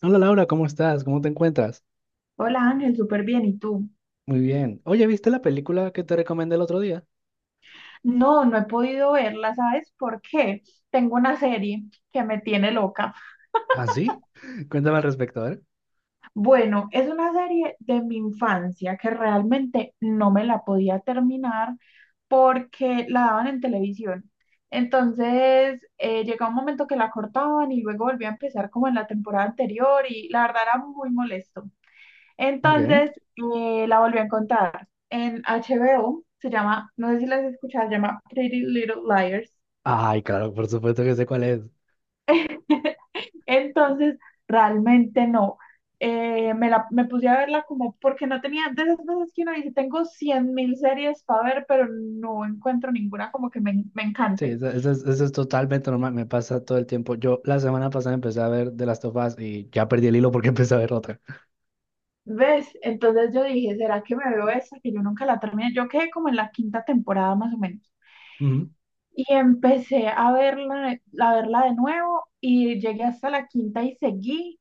Hola Laura, ¿cómo estás? ¿Cómo te encuentras? Hola Ángel, súper bien. ¿Y tú? Muy bien. Oye, ¿viste la película que te recomendé el otro día? No, no he podido verla, ¿sabes por qué? Tengo una serie que me tiene loca. ¿Ah, sí? Cuéntame al respecto, ¿eh? Bueno, es una serie de mi infancia que realmente no me la podía terminar porque la daban en televisión. Entonces, llegaba un momento que la cortaban y luego volvía a empezar como en la temporada anterior y la verdad era muy molesto. Ok. Entonces la volví a encontrar en HBO, se llama, no sé si las has escuchado, se llama Pretty Little Liars. Ay, claro, por supuesto que sé cuál es. Entonces realmente no. Me puse a verla como porque no tenía, de esas veces que uno dice, tengo 100 mil series para ver, pero no encuentro ninguna como que me Sí, encante. eso es totalmente normal, me pasa todo el tiempo. Yo la semana pasada empecé a ver de las Us y ya perdí el hilo porque empecé a ver otra. ¿Ves? Entonces yo dije, ¿será que me veo esa? Que yo nunca la terminé. Yo quedé como en la quinta temporada más o menos. Ujú, Y empecé a verla de nuevo y llegué hasta la quinta y seguí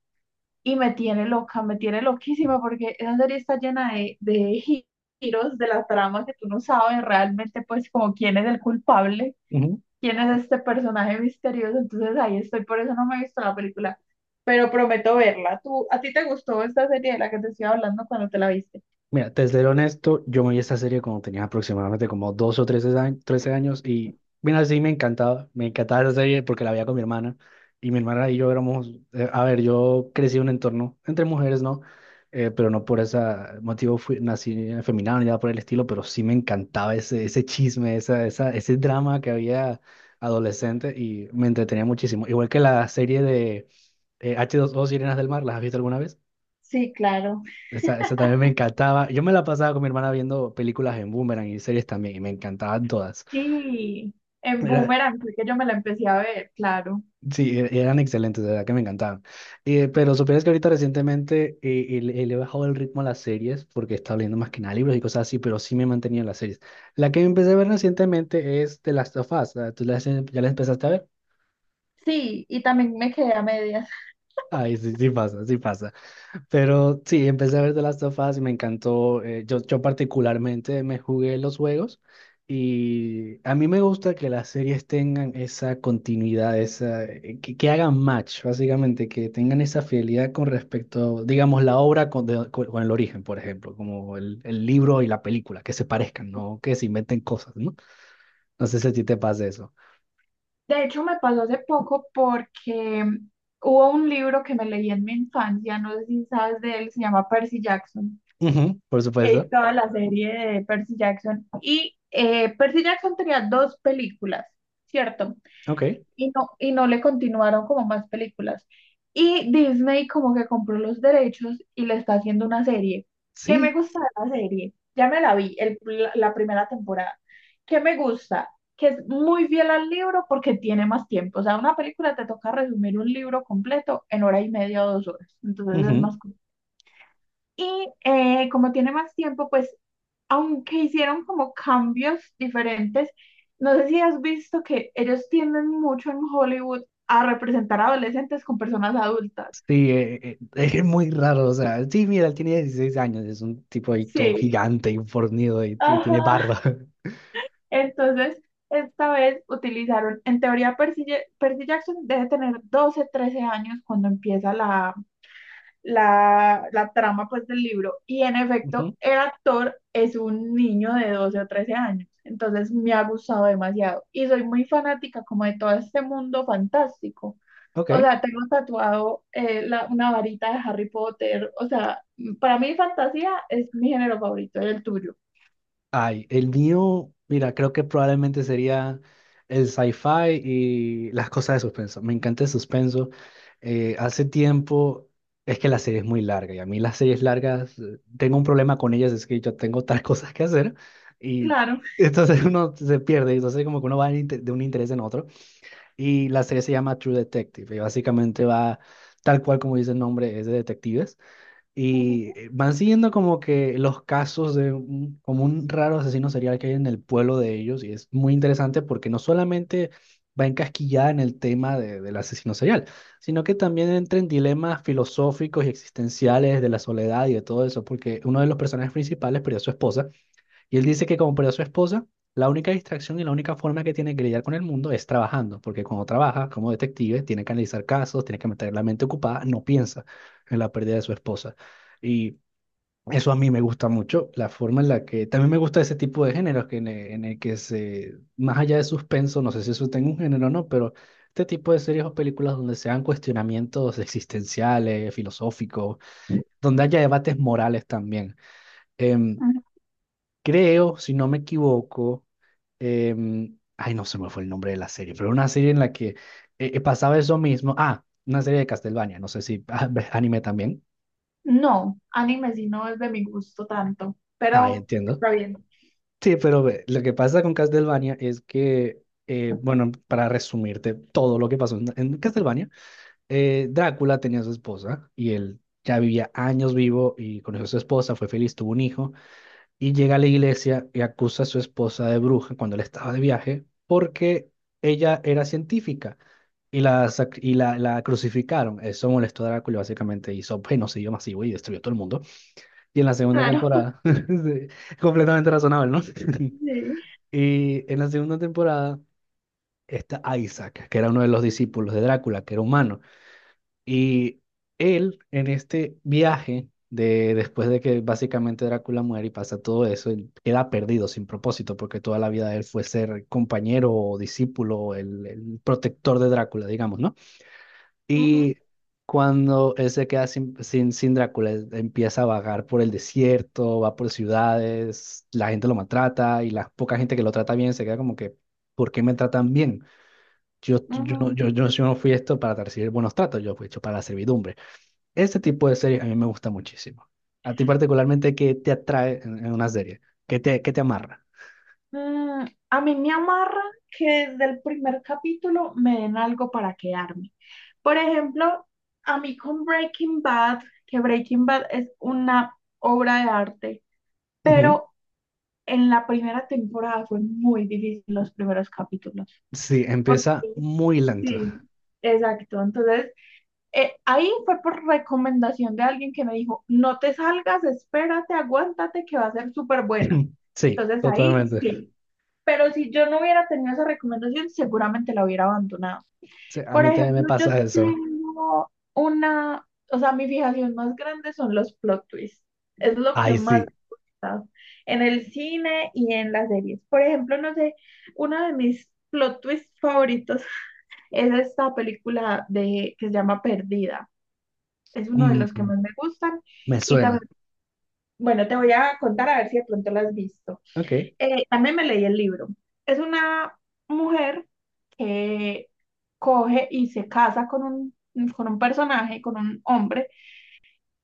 y me tiene loca, me tiene loquísima porque esa serie está llena de giros de la trama que tú no sabes realmente pues como quién es el culpable, ujú. quién es este personaje misterioso. Entonces ahí estoy, por eso no me he visto la película, pero prometo verla. ¿Tú, a ti te gustó esta serie de la que te estoy hablando cuando te la viste? Mira, te seré honesto, yo me vi esta serie cuando tenía aproximadamente como 12 o 13 años, 13 años y mira, sí me encantaba esa serie porque la veía con mi hermana. Y mi hermana y yo éramos, a ver, yo crecí en un entorno entre mujeres, ¿no? Pero no por ese motivo fui, nací afeminado ni nada por el estilo, pero sí me encantaba ese chisme, ese drama que había adolescente y me entretenía muchísimo. Igual que la serie de H2O Sirenas del Mar, ¿las has visto alguna vez? Sí, claro. Esa también me encantaba. Yo me la pasaba con mi hermana viendo películas en Boomerang y series también, y me encantaban todas. Sí, en Era, Boomerang fue que yo me la empecé a ver, claro. sí, eran excelentes, de verdad que me encantaban. Pero supieras que ahorita recientemente le he bajado el ritmo a las series porque estaba leyendo más que nada libros y cosas así, pero sí me he mantenido en las series. La que empecé a ver recientemente es The Last of Us. Ah, ya la empezaste a ver? Sí, y también me quedé a medias. Ay, sí, sí pasa, sí pasa. Pero sí, empecé a ver The Last of Us y me encantó. Yo particularmente me jugué los juegos y a mí me gusta que las series tengan esa continuidad, esa, que hagan match, básicamente, que tengan esa fidelidad con respecto, digamos, la obra con, con el origen, por ejemplo, como el libro y la película, que se parezcan, no que se inventen cosas, ¿no? No sé si a ti te pasa eso. De hecho, me pasó hace poco porque hubo un libro que me leí en mi infancia, no sé si sabes de él, se llama Percy Jackson. Ujú, por supuesto. Toda la serie de Percy Jackson. Y Percy Jackson tenía dos películas, ¿cierto? Ok. Y no le continuaron como más películas. Y Disney como que compró los derechos y le está haciendo una serie. ¿Qué me Sí. gusta de la serie? Ya me la vi, la primera temporada. ¿Qué me gusta? Que es muy fiel al libro porque tiene más tiempo. O sea, una película te toca resumir un libro completo en hora y media o 2 horas. Entonces es más corto. Y como tiene más tiempo, pues aunque hicieron como cambios diferentes, no sé si has visto que ellos tienden mucho en Hollywood a representar adolescentes con personas adultas. Sí, es muy raro, o sea, sí, mira, él tiene 16 años, es un tipo ahí todo Sí, gigante y fornido y ajá. tiene barba. Entonces, esta vez utilizaron, en teoría, Percy Jackson debe tener 12, 13 años cuando empieza la trama pues del libro y en efecto Ujú, el actor es un niño de 12 o 13 años, entonces me ha gustado demasiado y soy muy fanática como de todo este mundo fantástico. ok. O sea, tengo tatuado una varita de Harry Potter. O sea, para mí fantasía es mi género favorito, el tuyo. Ay, el mío, mira, creo que probablemente sería el sci-fi y las cosas de suspenso. Me encanta el suspenso. Hace tiempo, es que la serie es muy larga y a mí las series largas, tengo un problema con ellas, es que yo tengo otras cosas que hacer y Claro. entonces uno se pierde, entonces como que uno va de de un interés en otro. Y la serie se llama True Detective y básicamente va tal cual como dice el nombre, es de detectives. Y Ujú, van siguiendo como que los casos de como un raro asesino serial que hay en el pueblo de ellos y es muy interesante porque no solamente va encasquillada en el tema del asesino serial, sino que también entra en dilemas filosóficos y existenciales de la soledad y de todo eso, porque uno de los personajes principales perdió a su esposa y él dice que como perdió a su esposa, la única distracción y la única forma que tiene que lidiar con el mundo es trabajando, porque cuando trabaja como detective tiene que analizar casos, tiene que mantener la mente ocupada, no piensa en la pérdida de su esposa. Y eso a mí me gusta mucho, la forma en la que también me gusta ese tipo de géneros que en en el que se, más allá de suspenso, no sé si eso tenga un género o no, pero este tipo de series o películas donde se dan cuestionamientos existenciales, filosóficos, donde haya debates morales también. Em, ujú. Creo, si no me equivoco, ay, no se me fue el nombre de la serie, pero era una serie en la que pasaba eso mismo. Ah, una serie de Castlevania, no sé si anime también. No, anime sí no es de mi gusto tanto, Ah, pero entiendo. está bien. Sí, pero ve, lo que pasa con Castlevania es que, bueno, para resumirte todo lo que pasó en Castlevania, Drácula tenía a su esposa y él ya vivía años vivo y conoció a su esposa, fue feliz, tuvo un hijo. Y llega a la iglesia y acusa a su esposa de bruja cuando él estaba de viaje porque ella era científica y la, sac- y la crucificaron. Eso molestó a Drácula, y básicamente hizo genocidio masivo y destruyó todo el mundo. Y en la segunda Claro. temporada, sí, completamente razonable, ¿no? Sí. Y en la segunda temporada está Isaac, que era uno de los discípulos de Drácula, que era humano. Y él, en este viaje, de, después de que básicamente Drácula muere y pasa todo eso, él queda perdido, sin propósito, porque toda la vida de él fue ser compañero o discípulo, el protector de Drácula, digamos, ¿no? Ujú, Y cuando él se queda sin Drácula, él empieza a vagar por el desierto, va por ciudades, la gente lo maltrata y la poca gente que lo trata bien se queda como que, ¿por qué me tratan bien? Yo, yo, no, ujú. yo, yo, yo no fui esto para recibir buenos tratos, yo fui hecho para la servidumbre. Este tipo de series a mí me gusta muchísimo. A ti particularmente, ¿qué te atrae en una serie? Qué te amarra? Mm, a mí me amarra que desde el primer capítulo me den algo para quedarme. Por ejemplo, a mí con Breaking Bad, que Breaking Bad es una obra de arte, Ujú. pero en la primera temporada fue muy difícil los primeros capítulos. Sí, Porque empieza muy lento. sí, exacto. Entonces, ahí fue por recomendación de alguien que me dijo, no te salgas, espérate, aguántate, que va a ser súper buena. Sí, Entonces ahí totalmente. sí pero si yo no hubiera tenido esa recomendación, seguramente la hubiera abandonado. Sí, a Por mí también me ejemplo, yo pasa eso. tengo una, o sea, mi fijación más grande son los plot twists. Es lo que Ay, más sí. me gusta en el cine y en las series. Por ejemplo, no sé, uno de mis plot twists favoritos es esta película de, que se llama Perdida. Es uno de los que Mm, más me gustan. me Y también, suena. bueno, te voy a contar a ver si de pronto la has visto. Ok, También me leí el libro. Es una mujer que coge y se casa con un personaje, con un hombre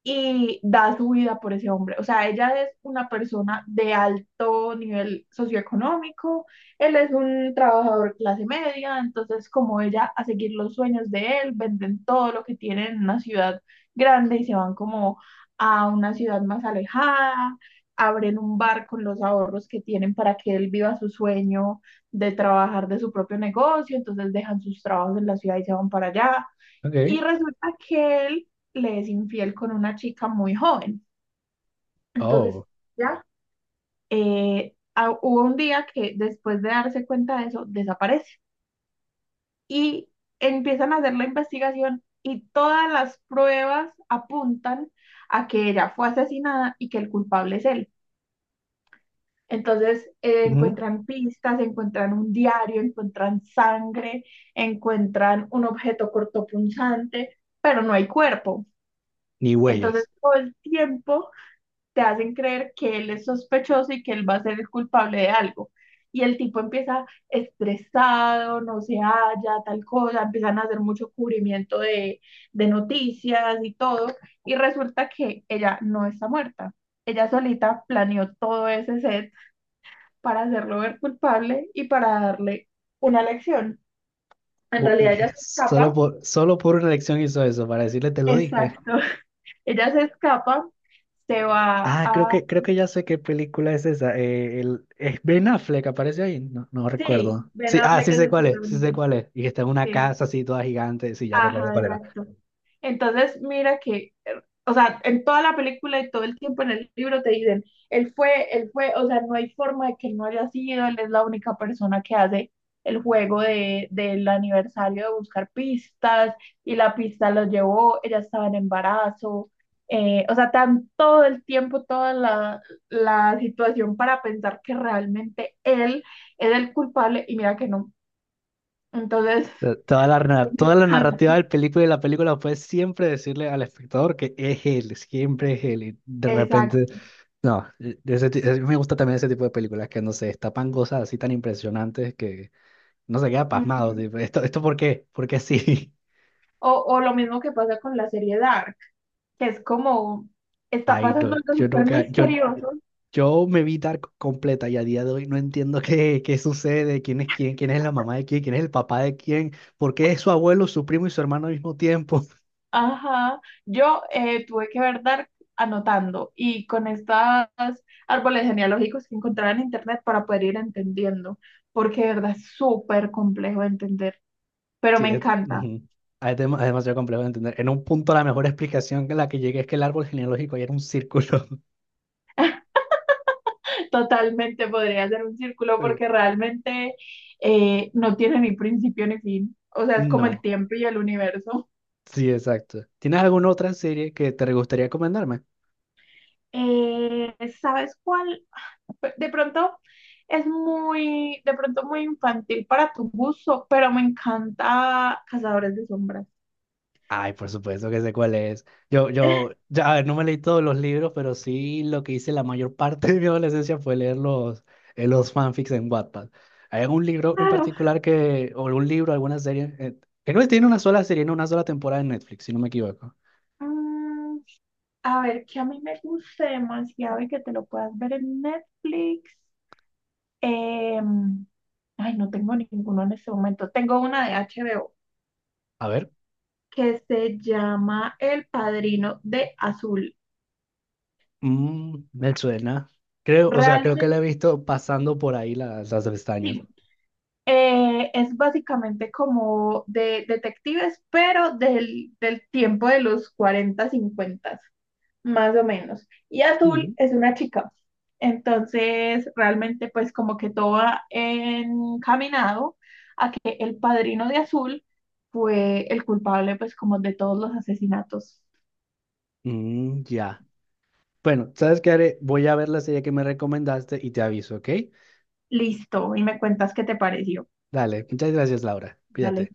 y da su vida por ese hombre. O sea, ella es una persona de alto nivel socioeconómico, él es un trabajador clase media, entonces como ella a seguir los sueños de él, venden todo lo que tienen en una ciudad grande y se van como a una ciudad más alejada, abren un bar con los ahorros que tienen para que él viva su sueño de trabajar de su propio negocio, entonces dejan sus trabajos en la ciudad y se van para allá. Y ok. resulta que él le es infiel con una chica muy joven. Entonces, Oh, ya hubo un día que después de darse cuenta de eso, desaparece. Y empiezan a hacer la investigación y todas las pruebas apuntan a que ella fue asesinada y que el culpable es él. Entonces, ujú. encuentran pistas, encuentran un diario, encuentran sangre, encuentran un objeto cortopunzante, pero no hay cuerpo. Ni Entonces, huellas. todo el tiempo te hacen creer que él es sospechoso y que él va a ser el culpable de algo. Y el tipo empieza estresado, no se halla, tal cosa, empiezan a hacer mucho cubrimiento de noticias y todo. Y resulta que ella no está muerta. Ella solita planeó todo ese set para hacerlo ver culpable y para darle una lección. En Hu- realidad ella se escapa. Solo por una elección hizo eso, para decirle te lo dije. Exacto. Ella se escapa, se va Ah, a... creo que ya sé qué película es esa. Es Ben Affleck, aparece ahí. No, no Sí, recuerdo. Ben Sí, ah, Affleck sí es sé el cuál es, sí sé protagonista. cuál es. Y que está en una Sí. casa así toda gigante. Sí, ya recuerdo Ajá, cuál era. exacto. Entonces, mira que, o sea, en toda la película y todo el tiempo en el libro te dicen, él fue, o sea, no hay forma de que él no haya sido, él es la única persona que hace el juego de, del aniversario de buscar pistas y la pista lo llevó, ella estaba en embarazo, o sea, tan todo el tiempo, toda la, la situación para pensar que realmente él es el culpable y mira que no. Entonces, Toda la narrativa del película y de la película fue siempre decirle al espectador que es él, siempre es él. Y de exacto. repente, no, me gusta también ese tipo de películas que, no sé, destapan cosas así tan impresionantes que no se queda pasmado. Tipo, esto por qué? ¿Por qué sí? O lo mismo que pasa con la serie Dark, que es como, está Ay, no, pasando algo yo súper nunca, misterioso. yo me vi Dark completa y a día de hoy no entiendo qué, qué sucede, quién es quién, quién es la mamá de quién, quién es el papá de quién, por qué es su abuelo, su primo y su hermano al mismo tiempo. Ajá, yo tuve que ver Dark anotando y con estos árboles genealógicos que encontraba en internet para poder ir entendiendo, porque de verdad es súper complejo de entender, pero Sí, me es, encanta. ujú. Ah, es demasiado complejo de entender. En un punto la mejor explicación que la que llegué es que el árbol genealógico ya era un círculo. Totalmente podría hacer un círculo Eh, porque realmente no tiene ni principio ni fin. O sea, es como el no, tiempo y el universo. sí, exacto. ¿Tienes alguna otra serie que te gustaría recomendarme? Eh, ¿Sabes cuál? De pronto es muy, de pronto muy infantil para tu gusto, pero me encanta Cazadores de Sombras. Ay, por supuesto que sé cuál es. Ya, a ver, no me leí todos los libros, pero sí lo que hice la mayor parte de mi adolescencia fue leer los fanfics en Wattpad. ¿Hay algún libro en Claro. particular que, o algún libro, alguna serie? Creo que no tiene una sola serie, no una sola temporada en Netflix, si no me equivoco. Mm, a ver, que a mí me guste demasiado y que te lo puedas ver en Netflix. Em, ay, no tengo ninguno en este momento. Tengo una de HBO A ver, que se llama El Padrino de Azul. mm, me suena. Creo, o sea, creo que la he Realmente, visto pasando por ahí las pestañas. sí, eh, es básicamente como de detectives, pero del tiempo de los 40 50, más o menos. Y Azul Mm, es una chica. Entonces, realmente, pues como que todo ha encaminado a que el padrino de Azul fue el culpable, pues como de todos los asesinatos. mm, ya. Bueno, ¿sabes qué haré? Voy a ver la serie que me recomendaste y te aviso, ¿ok? Listo, y me cuentas qué te pareció. Dale, muchas gracias, Laura. Dale. Cuídate.